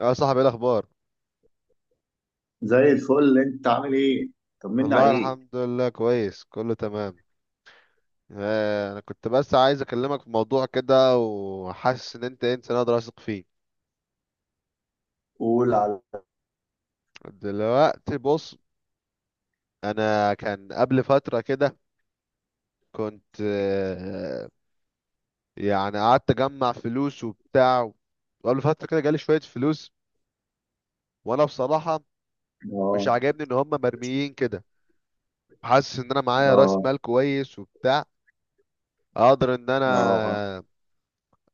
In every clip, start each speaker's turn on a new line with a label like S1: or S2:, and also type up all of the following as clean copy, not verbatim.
S1: يا صاحبي ايه الاخبار؟
S2: زي الفل، انت عامل ايه؟ طمنا
S1: الله
S2: عليك.
S1: الحمد لله، كويس كله تمام. انا كنت بس عايز اكلمك في موضوع كده، وحاسس ان انت انسان اقدر اثق فيه.
S2: قول على.
S1: دلوقتي بص، انا كان قبل فترة كده كنت يعني قعدت اجمع فلوس وبتاع، وقبل فترة كده جالي شوية فلوس، وانا بصراحة مش
S2: اه،
S1: عاجبني ان هم مرميين كده. حاسس ان انا معايا راس
S2: اه،
S1: مال كويس وبتاع، اقدر ان انا
S2: اه.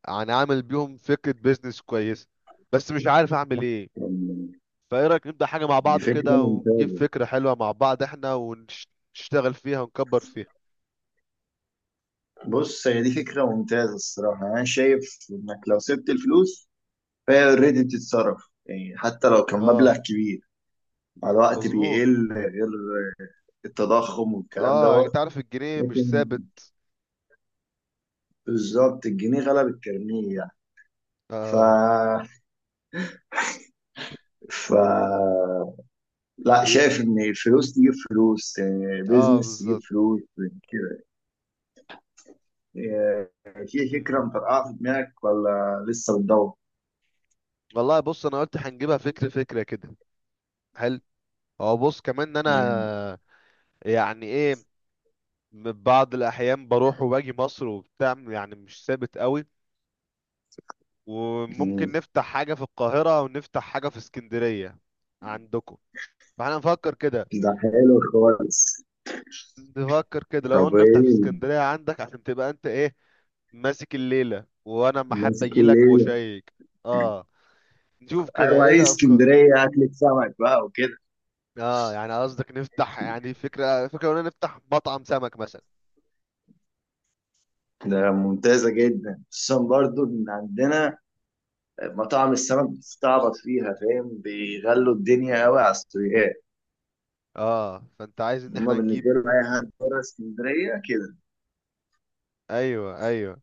S1: يعني عامل بيهم فكرة بيزنس كويسة، بس مش عارف اعمل ايه.
S2: طمني.
S1: فايه رأيك نبدأ حاجة مع
S2: دي
S1: بعض
S2: فكرة
S1: كده، ونجيب
S2: ممتازة.
S1: فكرة حلوة مع بعض احنا ونشتغل فيها ونكبر فيها.
S2: بص، هي دي فكرة ممتازة. الصراحة انا شايف انك لو سبت الفلوس فهي اوريدي بتتصرف، يعني حتى لو كان مبلغ
S1: اه،
S2: كبير مع الوقت
S1: مظبوط.
S2: بيقل، غير التضخم والكلام
S1: اه،
S2: دوت.
S1: انت عارف الجنيه مش
S2: لكن
S1: ثابت.
S2: بالظبط، الجنيه غلب الترنيه يعني. ف
S1: اه.
S2: ف لا،
S1: ايه.
S2: شايف ان الفلوس تجيب فلوس،
S1: اه،
S2: بيزنس تجيب
S1: بالظبط.
S2: فلوس كده. آه، في فكرة
S1: مم.
S2: مطرقعة في دماغك ولا لسه بتدور؟
S1: والله بص، انا قلت هنجيبها فكرة فكرة كده. حلو. هو بص، كمان ان
S2: مم.
S1: انا يعني ايه، من بعض الاحيان بروح وباجي مصر وبتاع، يعني مش ثابت قوي.
S2: مم.
S1: وممكن نفتح حاجة في القاهرة ونفتح حاجة في اسكندرية عندكم. فاحنا نفكر كده،
S2: ده حلو خالص.
S1: نفكر كده، لو
S2: طب
S1: قلنا نفتح في
S2: ايه؟
S1: اسكندرية عندك عشان تبقى انت ايه ماسك الليلة، وانا اما حابب
S2: ماسك
S1: اجيلك
S2: الليلة.
S1: واشيك. اه، نشوف كده
S2: ايوه،
S1: ايه
S2: ايه،
S1: الافكار.
S2: اسكندرية اكلة سمك بقى وكده.
S1: اه، يعني قصدك نفتح، يعني فكرة فكرة قلنا نفتح مطعم سمك مثلا.
S2: ده ممتازة جدا، خصوصا برضو ان عندنا مطاعم السمك بتستعبط فيها، فاهم؟ بيغلوا الدنيا قوي على السويقات.
S1: اه، فانت عايز ان
S2: هما
S1: احنا
S2: بالنسبة
S1: نجيب.
S2: لهم اي حد بره اسكندرية كده.
S1: ايوه ايوه.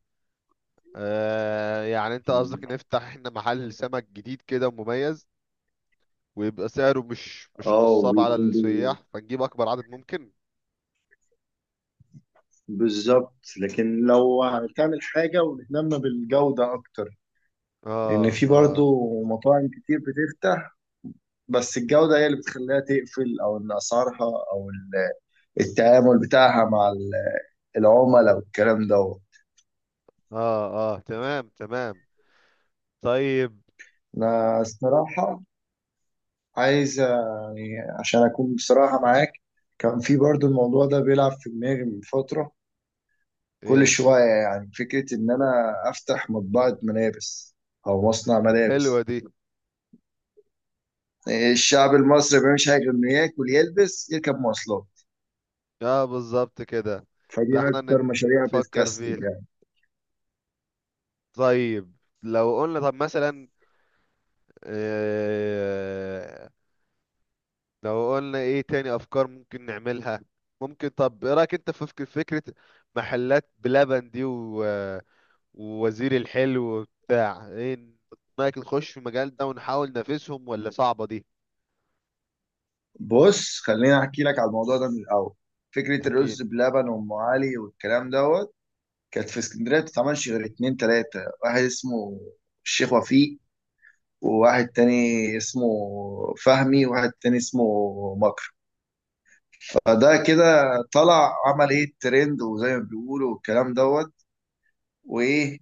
S1: آه، يعني انت
S2: مم.
S1: قصدك نفتح احنا محل سمك جديد كده ومميز، ويبقى سعره مش
S2: اه،
S1: نصاب على
S2: وبيكون
S1: السياح، فنجيب اكبر عدد ممكن.
S2: بالظبط، لكن لو هتعمل حاجة وتهتم بالجودة أكتر، لأن
S1: اه
S2: في
S1: اه.
S2: برضو مطاعم كتير بتفتح. بس الجودة هي اللي بتخليها تقفل، أو إن أسعارها، أو التعامل بتاعها مع العملاء والكلام ده.
S1: اه اه، تمام تمام. طيب.
S2: أنا الصراحة عايز، يعني عشان أكون بصراحة معاك، كان في برضو الموضوع ده بيلعب في دماغي من فترة، كل
S1: ايه؟
S2: شوية، يعني فكرة إن أنا أفتح مطبعة ملابس أو مصنع
S1: حلوة
S2: ملابس.
S1: دي.
S2: الشعب المصري ما بيعملش حاجه غير انه ياكل، يلبس، يركب مواصلات،
S1: اه، بالظبط كده.
S2: فدي
S1: فاحنا
S2: اكتر مشاريع
S1: نفكر
S2: بتكسب
S1: فيها.
S2: يعني.
S1: طيب، لو قلنا طب مثلا، آه لو قلنا ايه تاني افكار ممكن نعملها؟ ممكن طب ايه رايك انت في فكرة محلات بلبن دي، و ووزير الحلو وبتاع، ايه رايك نخش في المجال ده ونحاول ننافسهم، ولا صعبة دي؟
S2: بص، خليني احكي لك على الموضوع ده من الاول. فكره
S1: احكيلي.
S2: الرز بلبن وام علي والكلام دوت كانت في اسكندريه ما بتتعملش غير اتنين تلاته. واحد اسمه الشيخ وفيق، وواحد تاني اسمه فهمي، وواحد تاني اسمه مكر. فده كده طلع عمل ايه الترند، وزي ما بيقولوا والكلام دوت. وايه،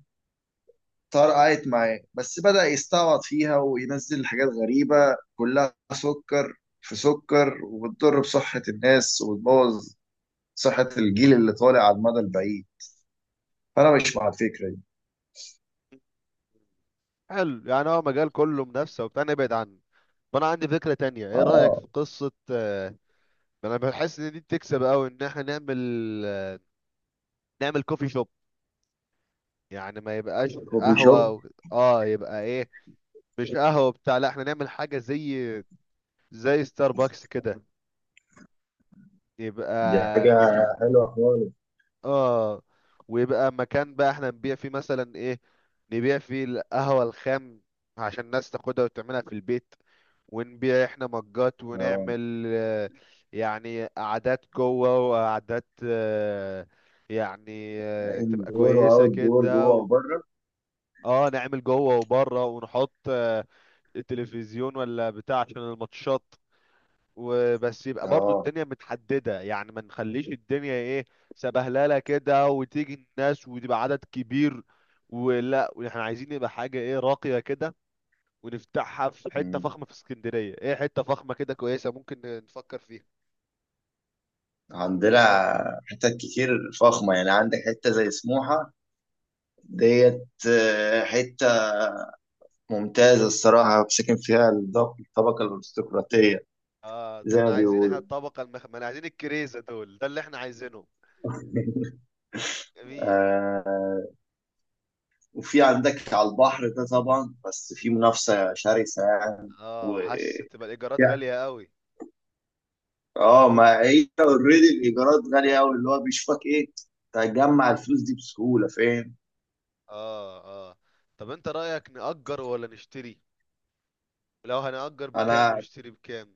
S2: طرقعت معاه، بس بدأ يستعبط فيها وينزل حاجات غريبة، كلها سكر في سكر، وبتضر بصحة الناس وبتبوظ صحة الجيل اللي طالع على المدى البعيد. فأنا مش مع الفكرة دي.
S1: حلو، يعني هو مجال كله منافسة وبتاع، نبعد عنه. فانا عندي فكرة تانية، ايه رأيك
S2: اه،
S1: في قصة انا بحس ان دي بتكسب قوي، ان احنا نعمل كوفي شوب. يعني ما يبقاش
S2: كوفي
S1: قهوة
S2: شوب.
S1: و... اه، يبقى ايه، مش قهوة بتاع، لا احنا نعمل حاجة زي ستاربكس كده،
S2: دي حاجة
S1: يبقى
S2: حلوة خالص.
S1: اه. ويبقى مكان بقى احنا نبيع فيه مثلا ايه، نبيع فيه القهوة الخام عشان الناس تاخدها وتعملها في البيت. ونبيع احنا مجات،
S2: اه،
S1: ونعمل يعني قعدات جوه وقعدات يعني تبقى
S2: اندور
S1: كويسة
S2: واوت دور، جوه
S1: كده و...
S2: وبره.
S1: اه، نعمل جوه وبره، ونحط التلفزيون ولا بتاع عشان الماتشات. وبس يبقى برضو
S2: اه.
S1: الدنيا متحددة، يعني ما نخليش الدنيا ايه سبهللة كده، وتيجي الناس وتبقى عدد كبير. ولا احنا عايزين يبقى حاجة ايه راقية كده، ونفتحها في حتة
S2: مم.
S1: فخمة في اسكندرية. ايه حتة فخمة كده كويسة ممكن نفكر فيها؟
S2: عندنا حتت كتير فخمة، يعني عندك حتة زي سموحة ديت، حتة ممتازة الصراحة، ساكن فيها الطبقة الأرستقراطية،
S1: اه، ده
S2: زي ما
S1: احنا عايزين، احنا
S2: بيقولوا.
S1: الطبقة المخملة عايزين، الكريزة دول ده اللي احنا عايزينه. جميل.
S2: آه. وفي عندك على البحر ده طبعا، بس في منافسة شرسة يعني.
S1: اه،
S2: و...
S1: حاسس تبقى الايجارات
S2: يعني-
S1: غالية قوي.
S2: اه، ما هي اوريدي الإيجارات غالية أوي، اللي هو بيشوفك إيه؟ تجمع الفلوس دي بسهولة، فاهم؟
S1: اه. اه، طب انت رأيك نأجر ولا نشتري؟ لو هنأجر بكام،
S2: أنا
S1: ونشتري بكام؟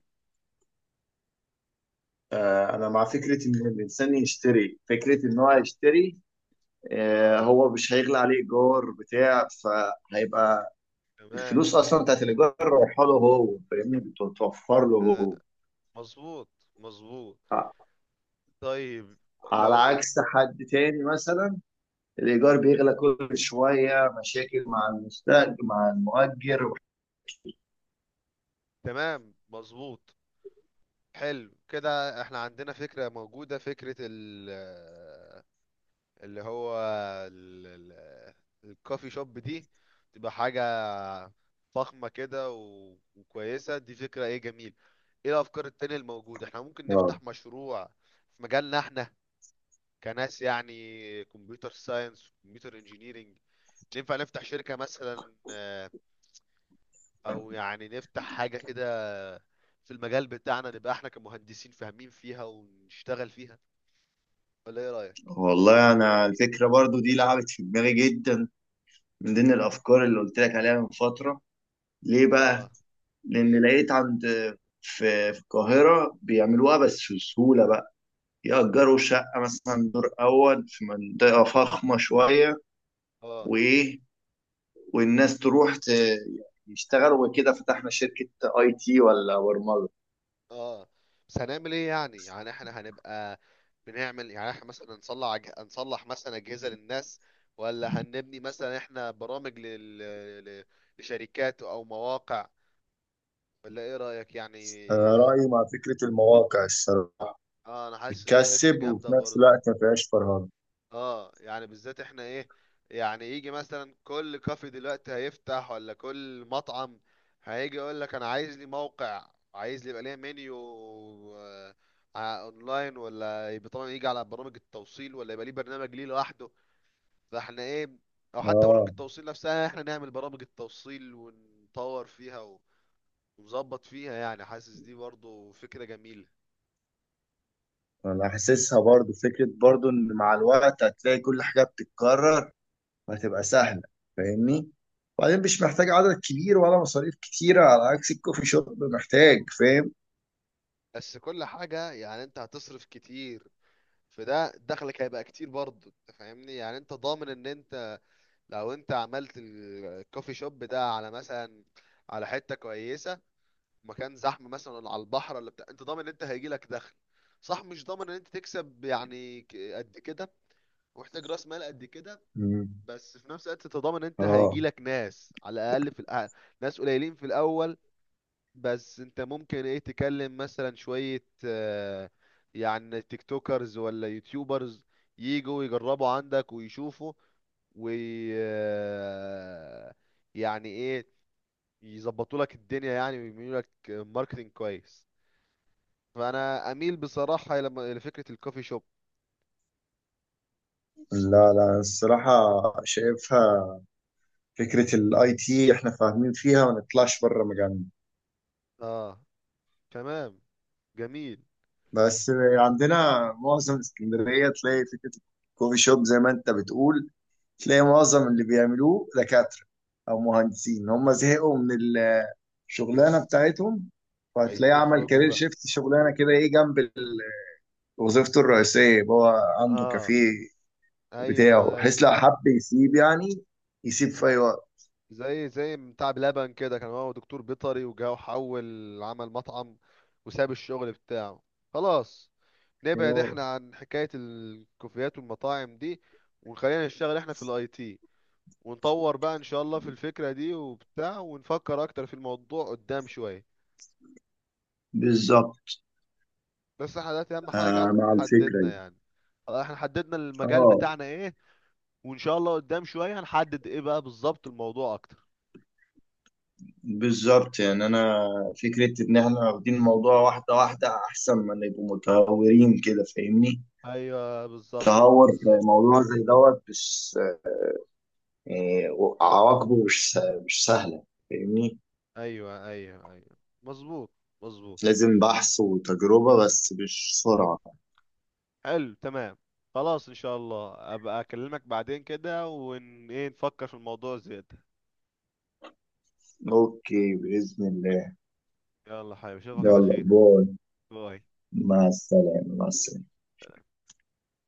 S2: أنا مع فكرة إن الإنسان يشتري، فكرة إن هو يشتري.
S1: اه،
S2: هو مش هيغلى عليه إيجار بتاع، فهيبقى
S1: تمام.
S2: الفلوس اصلا بتاعت الايجار رايحه له هو، فاهمني؟ بتتوفر له
S1: أنا-
S2: هو.
S1: مظبوط، مظبوط.
S2: ع-
S1: طيب،
S2: على
S1: لو
S2: عكس حد تاني مثلا، الايجار بيغلى كل شويه، مشاكل مع المستاجر مع المؤجر.
S1: تمام، مظبوط. حلو كده، احنا عندنا فكرة موجودة، فكرة ال اللي هو ال- ال- الكوفي شوب دي، تبقى حاجة فخمة كده وكويسة. دي فكرة ايه، جميل. ايه الافكار التانية الموجودة؟ احنا ممكن
S2: اه،
S1: نفتح مشروع في مجالنا احنا، كناس يعني كمبيوتر ساينس، كمبيوتر انجينيرينج. ننفع نفتح شركة مثلا او يعني نفتح حاجة كده في المجال بتاعنا، نبقى احنا كمهندسين فاهمين فيها ونشتغل فيها، ولا ايه رأيك؟
S2: والله انا الفكره برضو دي لعبت في دماغي جدا، من ضمن الافكار اللي قلت لك عليها من فتره. ليه
S1: اه.
S2: بقى؟ لان
S1: ايه.
S2: لقيت عند، في القاهره بيعملوها بس في سهوله بقى. يأجروا شقه مثلا دور اول في منطقه فخمه شويه.
S1: اه
S2: وايه، والناس تروح يشتغلوا وكده، فتحنا شركة IT ولا برمجة.
S1: اه. بس هنعمل ايه يعني؟ يعني احنا هنبقى بنعمل، يعني احنا مثلا نصلح نصلح مثلا اجهزة للناس، ولا هنبني مثلا احنا برامج ل... لشركات او مواقع؟ ولا ايه رأيك يعني؟
S2: أنا رأيي مع فكرة المواقع. الصراحة
S1: اه، انا حاسس ان هي فكرة
S2: بتكسب
S1: جامدة
S2: وفي نفس
S1: برضه.
S2: الوقت ما فيهاش فرهدة.
S1: اه، يعني بالذات احنا ايه، يعني يجي مثلا كل كافي دلوقتي هيفتح، ولا كل مطعم هيجي يقول لك انا عايز لي موقع، عايز لي يبقى ليه منيو آه، اونلاين، ولا يبقى طبعا يجي على برامج التوصيل، ولا يبقى ليه برنامج ليه لوحده. فاحنا ايه، او حتى برامج
S2: آه،
S1: التوصيل نفسها احنا نعمل برامج التوصيل ونطور فيها ونظبط فيها، يعني حاسس دي برضو فكرة جميلة.
S2: أنا حاسسها برضو فكرة، برضو إن مع الوقت هتلاقي كل حاجة بتتكرر وهتبقى سهلة، فاهمني؟ وبعدين مش محتاج عدد كبير ولا مصاريف كتيرة، على عكس الكوفي شوب محتاج، فاهم؟
S1: بس كل حاجة يعني انت هتصرف كتير، فده دخلك هيبقى كتير برضه. انت فاهمني، يعني انت ضامن ان انت لو انت عملت الكوفي شوب ده على مثلا، على حتة كويسة، مكان زحمة مثلا، ولا على البحر، ولا بتاع، انت ضامن ان انت هيجيلك دخل. صح، مش ضامن ان انت تكسب يعني قد كده، ومحتاج راس مال قد كده.
S2: مم.
S1: بس في نفس الوقت انت ضامن ان انت
S2: آه.
S1: هيجيلك ناس، على الاقل في ناس قليلين في الاول. بس انت ممكن ايه تكلم مثلا شوية يعني تيك توكرز، ولا يوتيوبرز يجوا يجربوا عندك ويشوفوا، وي آه، يعني ايه يظبطوا لك الدنيا يعني، ويعملوا لك ماركتنج كويس. فانا اميل بصراحة لفكرة الكوفي شوب.
S2: لا، لا، الصراحة شايفها، فكرة الـIT احنا فاهمين فيها، ما نطلعش بره مجالنا.
S1: اه، تمام. جميل.
S2: بس عندنا معظم اسكندرية تلاقي فكرة الكوفي شوب، زي ما انت بتقول، تلاقي
S1: مم.
S2: معظم اللي بيعملوه دكاترة او مهندسين، هم زهقوا من الشغلانة بتاعتهم. فهتلاقيه
S1: عايزين
S2: عمل
S1: يخرجوا
S2: كارير
S1: بقى.
S2: شيفت شغلانة كده، ايه، جنب وظيفته الرئيسية. يبقى هو عنده
S1: اه،
S2: كافيه
S1: ايوه
S2: بتاعه،
S1: ايوه.
S2: بحيث لو حب يسيب يعني، يسيب في اي وقت.
S1: زي بتاع بلبن كده، كان هو دكتور بيطري وجا وحول عمل مطعم وساب الشغل بتاعه. خلاص، نبعد
S2: اه،
S1: احنا عن حكاية الكوفيات والمطاعم دي، وخلينا نشتغل احنا في الاي تي، ونطور بقى ان شاء الله في الفكرة دي وبتاع، ونفكر اكتر في الموضوع قدام شوية.
S2: بالظبط.
S1: بس احنا دلوقتي اهم حاجة
S2: آه، مع الفكرة
S1: حددنا
S2: دي.
S1: يعني، احنا حددنا المجال
S2: اه،
S1: بتاعنا ايه، وان شاء الله قدام شوية هنحدد ايه بقى بالظبط الموضوع اكتر.
S2: بالظبط. يعني انا فكره ان احنا واخدين الموضوع واحده واحده، احسن ما نبقوا متهورين كده، فاهمني؟
S1: ايوه، بالظبط
S2: تهور في
S1: بالظبط.
S2: موضوع زي دوت مش، يعني عواقبه مش سهله، فاهمني.
S1: ايوه ايوه ايوه، مظبوط مظبوط.
S2: لازم بحث وتجربه، بس مش سرعه.
S1: حلو، تمام. خلاص، ان شاء الله ابقى اكلمك بعدين كده، ايه نفكر في الموضوع زيادة.
S2: اوكي، باذن الله.
S1: يلا حبيبي، اشوفك على
S2: يلا،
S1: خير.
S2: باي.
S1: باي.
S2: مع السلامه، مع السلامه.